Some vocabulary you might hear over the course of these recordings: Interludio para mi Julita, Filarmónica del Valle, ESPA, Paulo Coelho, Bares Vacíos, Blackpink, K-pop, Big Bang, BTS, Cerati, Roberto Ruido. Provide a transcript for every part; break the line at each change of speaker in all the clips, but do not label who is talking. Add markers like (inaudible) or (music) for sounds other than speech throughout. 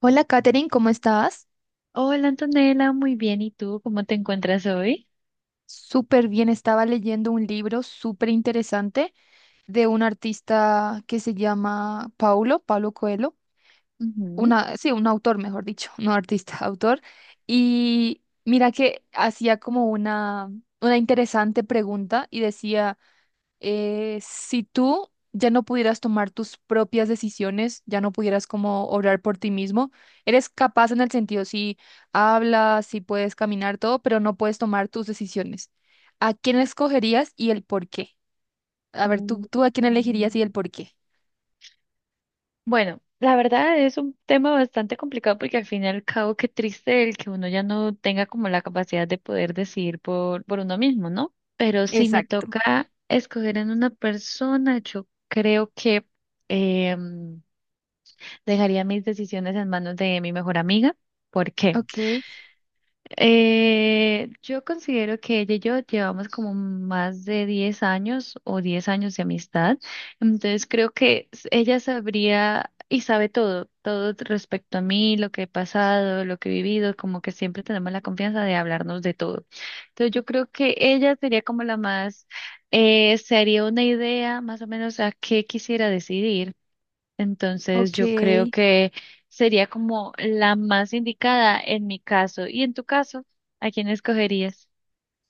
Hola, Katherine, ¿cómo estás?
Hola Antonella, muy bien. ¿Y tú cómo te encuentras hoy?
Súper bien, estaba leyendo un libro súper interesante de un artista que se llama Paulo Coelho,
Ujú.
una, sí, un autor, mejor dicho, no artista, (laughs) autor. Y mira que hacía como una interesante pregunta y decía... si tú ya no pudieras tomar tus propias decisiones, ya no pudieras como obrar por ti mismo, eres capaz en el sentido, si hablas, si puedes caminar, todo, pero no puedes tomar tus decisiones. ¿A quién escogerías y el por qué? A ver, tú,
Mm,
tú a quién elegirías
mm,
y el por qué.
Bueno, la verdad es un tema bastante complicado porque al fin y al cabo qué triste el que uno ya no tenga como la capacidad de poder decidir por uno mismo, ¿no? Pero si me
Exacto.
toca escoger en una persona, yo creo que em, dejaría mis decisiones en manos de mi mejor amiga. ¿Por qué?
Ok,
Yo considero que ella y yo llevamos como más de 10 años o 10 años de amistad. Entonces creo que ella sabría y sabe todo, todo respecto a mí, lo que he pasado, lo que he vivido, como que siempre tenemos la confianza de hablarnos de todo. Entonces yo creo que ella sería como la más, se haría una idea más o menos a qué quisiera decidir. Entonces yo creo
ok.
que sería como la más indicada en mi caso. Y en tu caso, ¿a quién escogerías?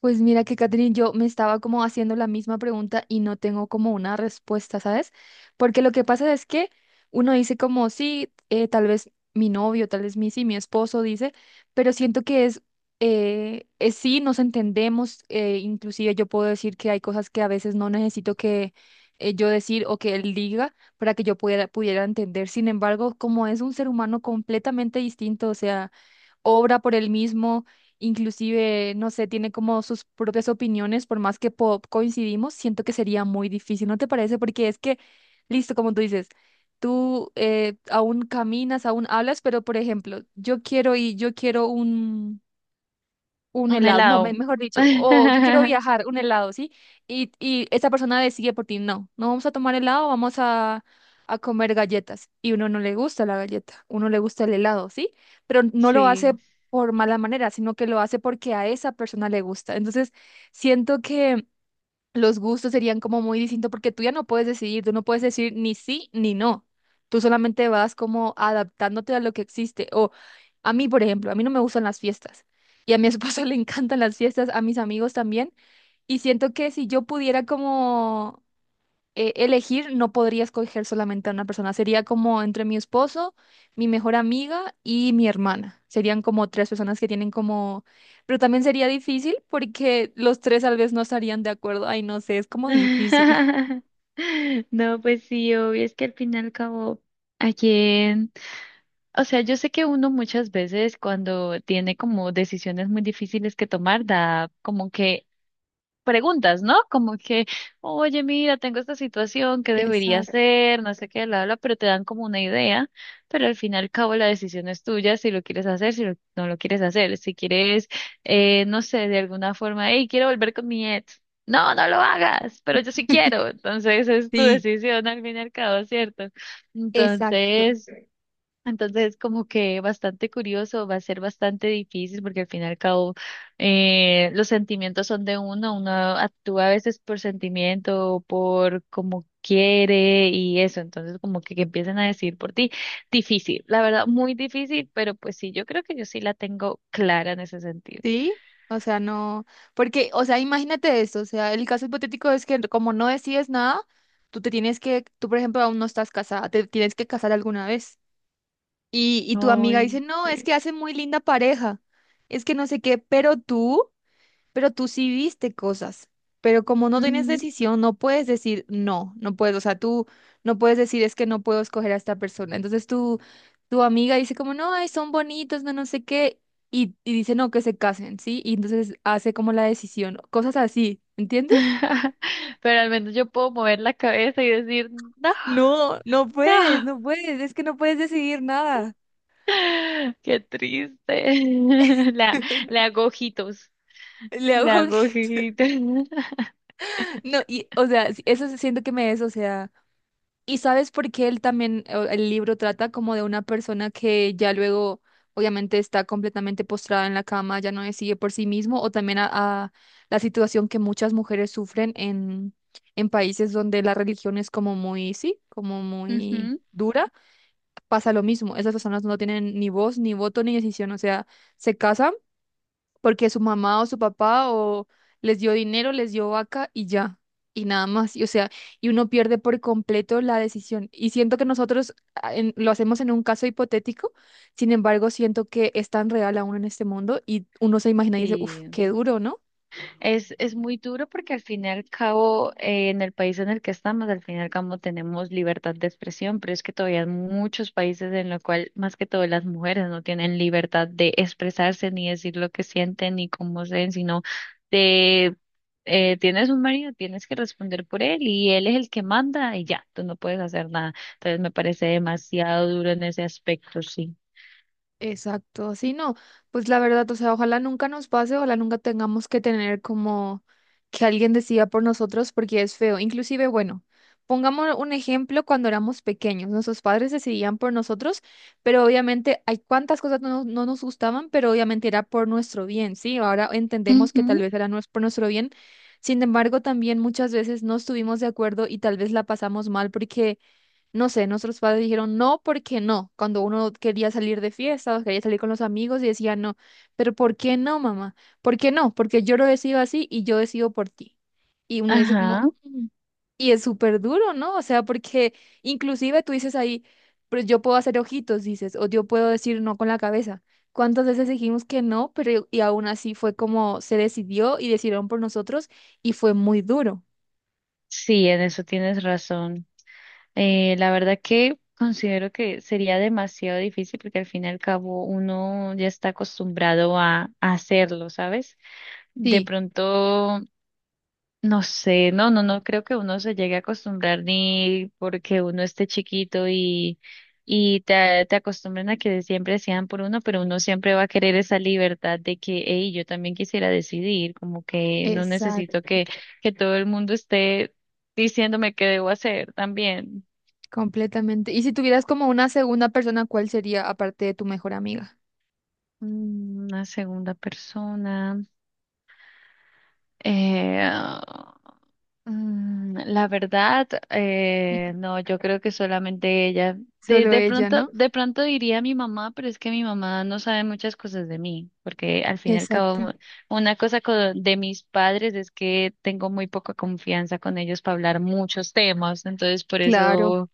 Pues mira que Catherine, yo me estaba como haciendo la misma pregunta y no tengo como una respuesta, ¿sabes? Porque lo que pasa es que uno dice como, sí, tal vez mi novio, tal vez mi, sí, mi esposo dice, pero siento que es sí, nos entendemos, inclusive yo puedo decir que hay cosas que a veces no necesito que yo decir o que él diga para que yo pudiera entender. Sin embargo, como es un ser humano completamente distinto, o sea obra por él mismo, inclusive, no sé, tiene como sus propias opiniones, por más que po- coincidimos, siento que sería muy difícil, ¿no te parece? Porque es que, listo, como tú dices, tú aún caminas, aún hablas, pero por ejemplo, yo quiero un
Un
helado, no, me-
helado.
mejor dicho, o yo quiero
(laughs)
viajar, un helado, ¿sí? Y esa persona decide por ti, no, no vamos a tomar helado, vamos a comer galletas. Y uno no le gusta la galleta, uno le gusta el helado, ¿sí? Pero no lo
Sí.
hace por mala manera, sino que lo hace porque a esa persona le gusta. Entonces, siento que los gustos serían como muy distintos porque tú ya no puedes decidir, tú no puedes decir ni sí ni no. Tú solamente vas como adaptándote a lo que existe. O a mí, por ejemplo, a mí no me gustan las fiestas y a mi esposo (laughs) le encantan las fiestas, a mis amigos también. Y siento que si yo pudiera como elegir, no podría escoger solamente a una persona. Sería como entre mi esposo, mi mejor amiga y mi hermana. Serían como tres personas que tienen como... Pero también sería difícil porque los tres tal vez no estarían de acuerdo. Ay, no sé, es como difícil.
(laughs) No, pues sí, obvio, es que al fin y al cabo, ¿a quién? O sea, yo sé que uno muchas veces cuando tiene como decisiones muy difíciles que tomar, da como que preguntas, ¿no? Como que oye, mira, tengo esta situación,
(laughs)
¿qué debería
Exacto.
hacer? No sé qué, bla, bla, pero te dan como una idea, pero al fin y al cabo la decisión es tuya, si lo quieres hacer, si no lo quieres hacer, si quieres, no sé, de alguna forma, hey, quiero volver con mi ex. No, no lo hagas, pero yo sí quiero. Entonces es tu
Sí,
decisión al fin y al cabo, ¿cierto?
exacto.
Entonces, entonces, como que bastante curioso, va a ser bastante difícil porque al fin y al cabo los sentimientos son de uno, uno actúa a veces por sentimiento, por como quiere y eso, entonces como que empiecen a decir por ti, difícil, la verdad, muy difícil, pero pues sí, yo creo que yo sí la tengo clara en ese sentido.
Sí, o sea, no, porque, o sea, imagínate esto, o sea, el caso hipotético es que como no decides nada, tú te tienes que, tú por ejemplo aún no estás casada, te tienes que casar alguna vez. Y tu amiga dice,
Ay,
no, es
sí.
que hace muy linda pareja, es que no sé qué, pero tú sí viste cosas, pero como no tienes
Ujú.
decisión, no puedes decir no, no puedes, o sea, tú no puedes decir es que no puedo escoger a esta persona. Entonces tu amiga dice como, no, ay, son bonitos, no, no sé qué, y dice no, que se casen, ¿sí? Y entonces hace como la decisión, cosas así, ¿entiendes?
(laughs) Pero al menos yo puedo mover la cabeza y decir, no,
No, no puedes,
no.
no puedes, es que no puedes decidir nada.
(laughs) Qué triste. (laughs) La, la
(laughs)
hago ojitos.
Le
La
hago
hago
(laughs)
ojitos. (laughs)
No, y, o sea, sí, eso sí siento que me es, o sea, y sabes por qué él también, o- el libro trata como de una persona que ya luego, obviamente, está completamente postrada en la cama, ya no decide por sí mismo, o también a la situación que muchas mujeres sufren en países donde la religión es como muy, sí, como muy
Ujú.
dura, pasa lo mismo, esas personas no tienen ni voz, ni voto, ni decisión, o sea, se casan porque su mamá o su papá o les dio dinero, les dio vaca y ya, y nada más. Y, o sea, y uno pierde por completo la decisión. Y siento que nosotros en- lo hacemos en un caso hipotético, sin embargo, siento que es tan real aún en este mundo y uno se imagina y dice, uff,
Sí,
qué duro, ¿no?
es muy duro porque al fin y al cabo, en el país en el que estamos, al fin y al cabo tenemos libertad de expresión, pero es que todavía hay muchos países en los cuales, más que todo, las mujeres no tienen libertad de expresarse ni decir lo que sienten ni cómo se ven sino de, tienes un marido, tienes que responder por él y él es el que manda y ya, tú no puedes hacer nada. Entonces me parece demasiado duro en ese aspecto, sí.
Exacto, sí, no, pues la verdad, o sea, ojalá nunca nos pase, ojalá nunca tengamos que tener como que alguien decida por nosotros porque es feo. Inclusive, bueno, pongamos un ejemplo cuando éramos pequeños, nuestros padres decidían por nosotros, pero obviamente hay cuantas cosas no, no nos gustaban, pero obviamente era por nuestro bien, ¿sí? Ahora entendemos que tal
Ujú.
vez era nues- por nuestro bien. Sin embargo, también muchas veces no estuvimos de acuerdo y tal vez la pasamos mal porque no sé, nuestros padres dijeron no, ¿porque no? Cuando uno quería salir de fiesta o quería salir con los amigos y decía no. Pero ¿por qué no, mamá? ¿Por qué no? Porque yo lo decido así y yo decido por ti. Y uno dice como,
Ajá,
"Mm". Y es súper duro, ¿no? O sea, porque inclusive tú dices ahí, pero yo puedo hacer ojitos, dices, o yo puedo decir no con la cabeza. ¿Cuántas veces dijimos que no, pero y aún así fue como se decidió y decidieron por nosotros y fue muy duro.
sí, en eso tienes razón. La verdad que considero que sería demasiado difícil porque al fin y al cabo uno ya está acostumbrado a hacerlo, ¿sabes? De
Sí,
pronto, no sé, no creo que uno se llegue a acostumbrar ni porque uno esté chiquito y te acostumbren a que siempre sean por uno, pero uno siempre va a querer esa libertad de que, hey, yo también quisiera decidir, como que no
exacto.
necesito que todo el mundo esté diciéndome qué debo hacer también.
Completamente. Y si tuvieras como una segunda persona, ¿cuál sería aparte de tu mejor amiga?
Mm, una segunda persona. Eh, ah, la verdad,
Ujú.
no, yo creo que solamente ella. De,
Solo
de
ella,
pronto,
¿no?
de pronto diría mi mamá, pero es que mi mamá no sabe muchas cosas de mí, porque al fin y al cabo,
Exacto.
una cosa de mis padres es que tengo muy poca confianza con ellos para hablar muchos temas, entonces por
Claro.
eso,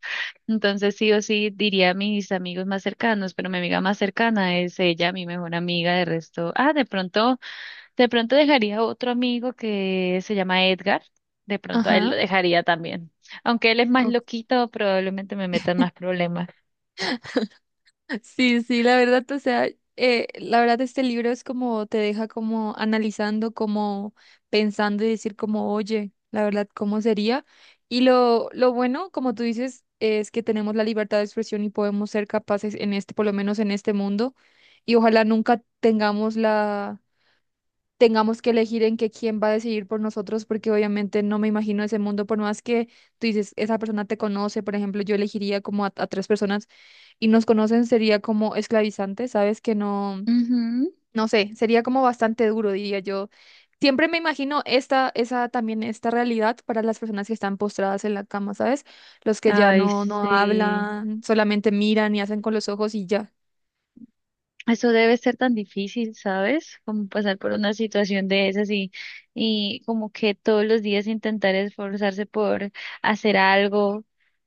entonces sí o sí diría a mis amigos más cercanos, pero mi amiga más cercana es ella, mi mejor amiga, de resto, de pronto. De pronto dejaría otro amigo que se llama Edgar. De pronto a él
Ajá.
lo dejaría también. Aunque él es más
Ok.
loquito, probablemente me metan más problemas.
Sí, sí, la verdad, o sea, la verdad este libro es como te deja como analizando, como pensando y decir como, oye, la verdad, ¿cómo sería? Y lo bueno, como tú dices, es que tenemos la libertad de expresión y podemos ser capaces en este, por lo menos en este mundo, y ojalá nunca tengamos la tengamos que elegir en que quién va a decidir por nosotros, porque obviamente no me imagino ese mundo, por más que tú dices, esa persona te conoce, por ejemplo, yo elegiría como a tres personas y nos conocen, sería como esclavizante, ¿sabes? Que no,
Ujú.
no sé, sería como bastante duro, diría yo. Siempre me imagino esta, esa también, esta realidad para las personas que están postradas en la cama, ¿sabes? Los que ya
Ay,
no, no
sí.
hablan, solamente miran y hacen con los ojos y ya.
Eso debe ser tan difícil, ¿sabes? Como pasar por una situación de esas y como que todos los días intentar esforzarse por hacer algo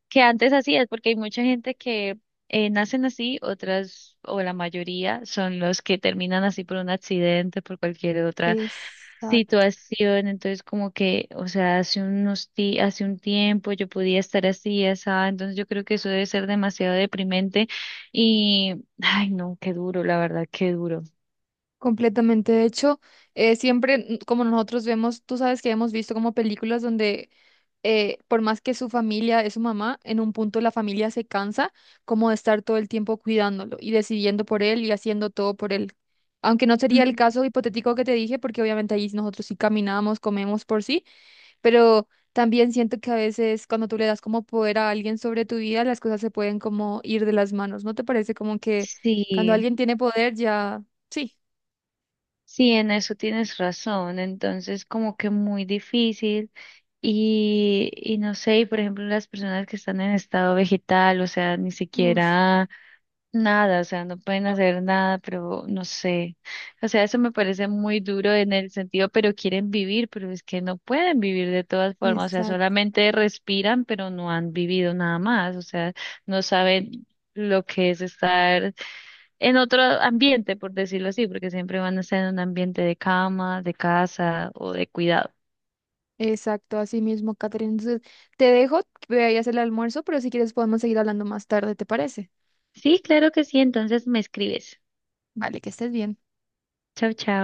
que antes hacías, porque hay mucha gente que nacen así, otras o la mayoría son los que terminan así por un accidente, por cualquier otra
Exacto.
situación, entonces como que, o sea, hace unos hace un tiempo yo podía estar así, asá, entonces yo creo que eso debe ser demasiado deprimente y, ay, no, qué duro, la verdad, qué duro.
Completamente. De hecho, siempre, mm, como nosotros vemos, tú sabes que hemos visto como películas donde, por más que su familia es su mamá, en un punto la familia se cansa como de estar todo el tiempo cuidándolo y decidiendo por él y haciendo todo por él. Aunque no sería el
Ujú.
caso hipotético que te dije, porque obviamente ahí nosotros sí caminamos, comemos por sí, pero también siento que a veces cuando tú le das como poder a alguien sobre tu vida, las cosas se pueden como ir de las manos. ¿No te parece como que cuando
Sí,
alguien tiene poder ya... sí
sí, en eso tienes razón, entonces como que muy difícil y no sé, y por ejemplo las personas que están en estado vegetal, o sea, ni
Uf,
siquiera nada, o sea, no pueden hacer nada, pero no sé. O sea, eso me parece muy duro en el sentido, pero quieren vivir, pero es que no pueden vivir de todas formas, o sea,
exacto,
solamente respiran, pero no han vivido nada más, o sea, no saben lo que es estar en otro ambiente, por decirlo así, porque siempre van a estar en un ambiente de cama, de casa o de cuidado.
exacto, así mismo, Catherine. Entonces, te dejo, voy a ir a hacer el almuerzo, pero si quieres podemos seguir hablando más tarde, ¿te parece?
Sí, claro que sí, entonces me escribes.
Vale, que estés bien.
Chao, chao.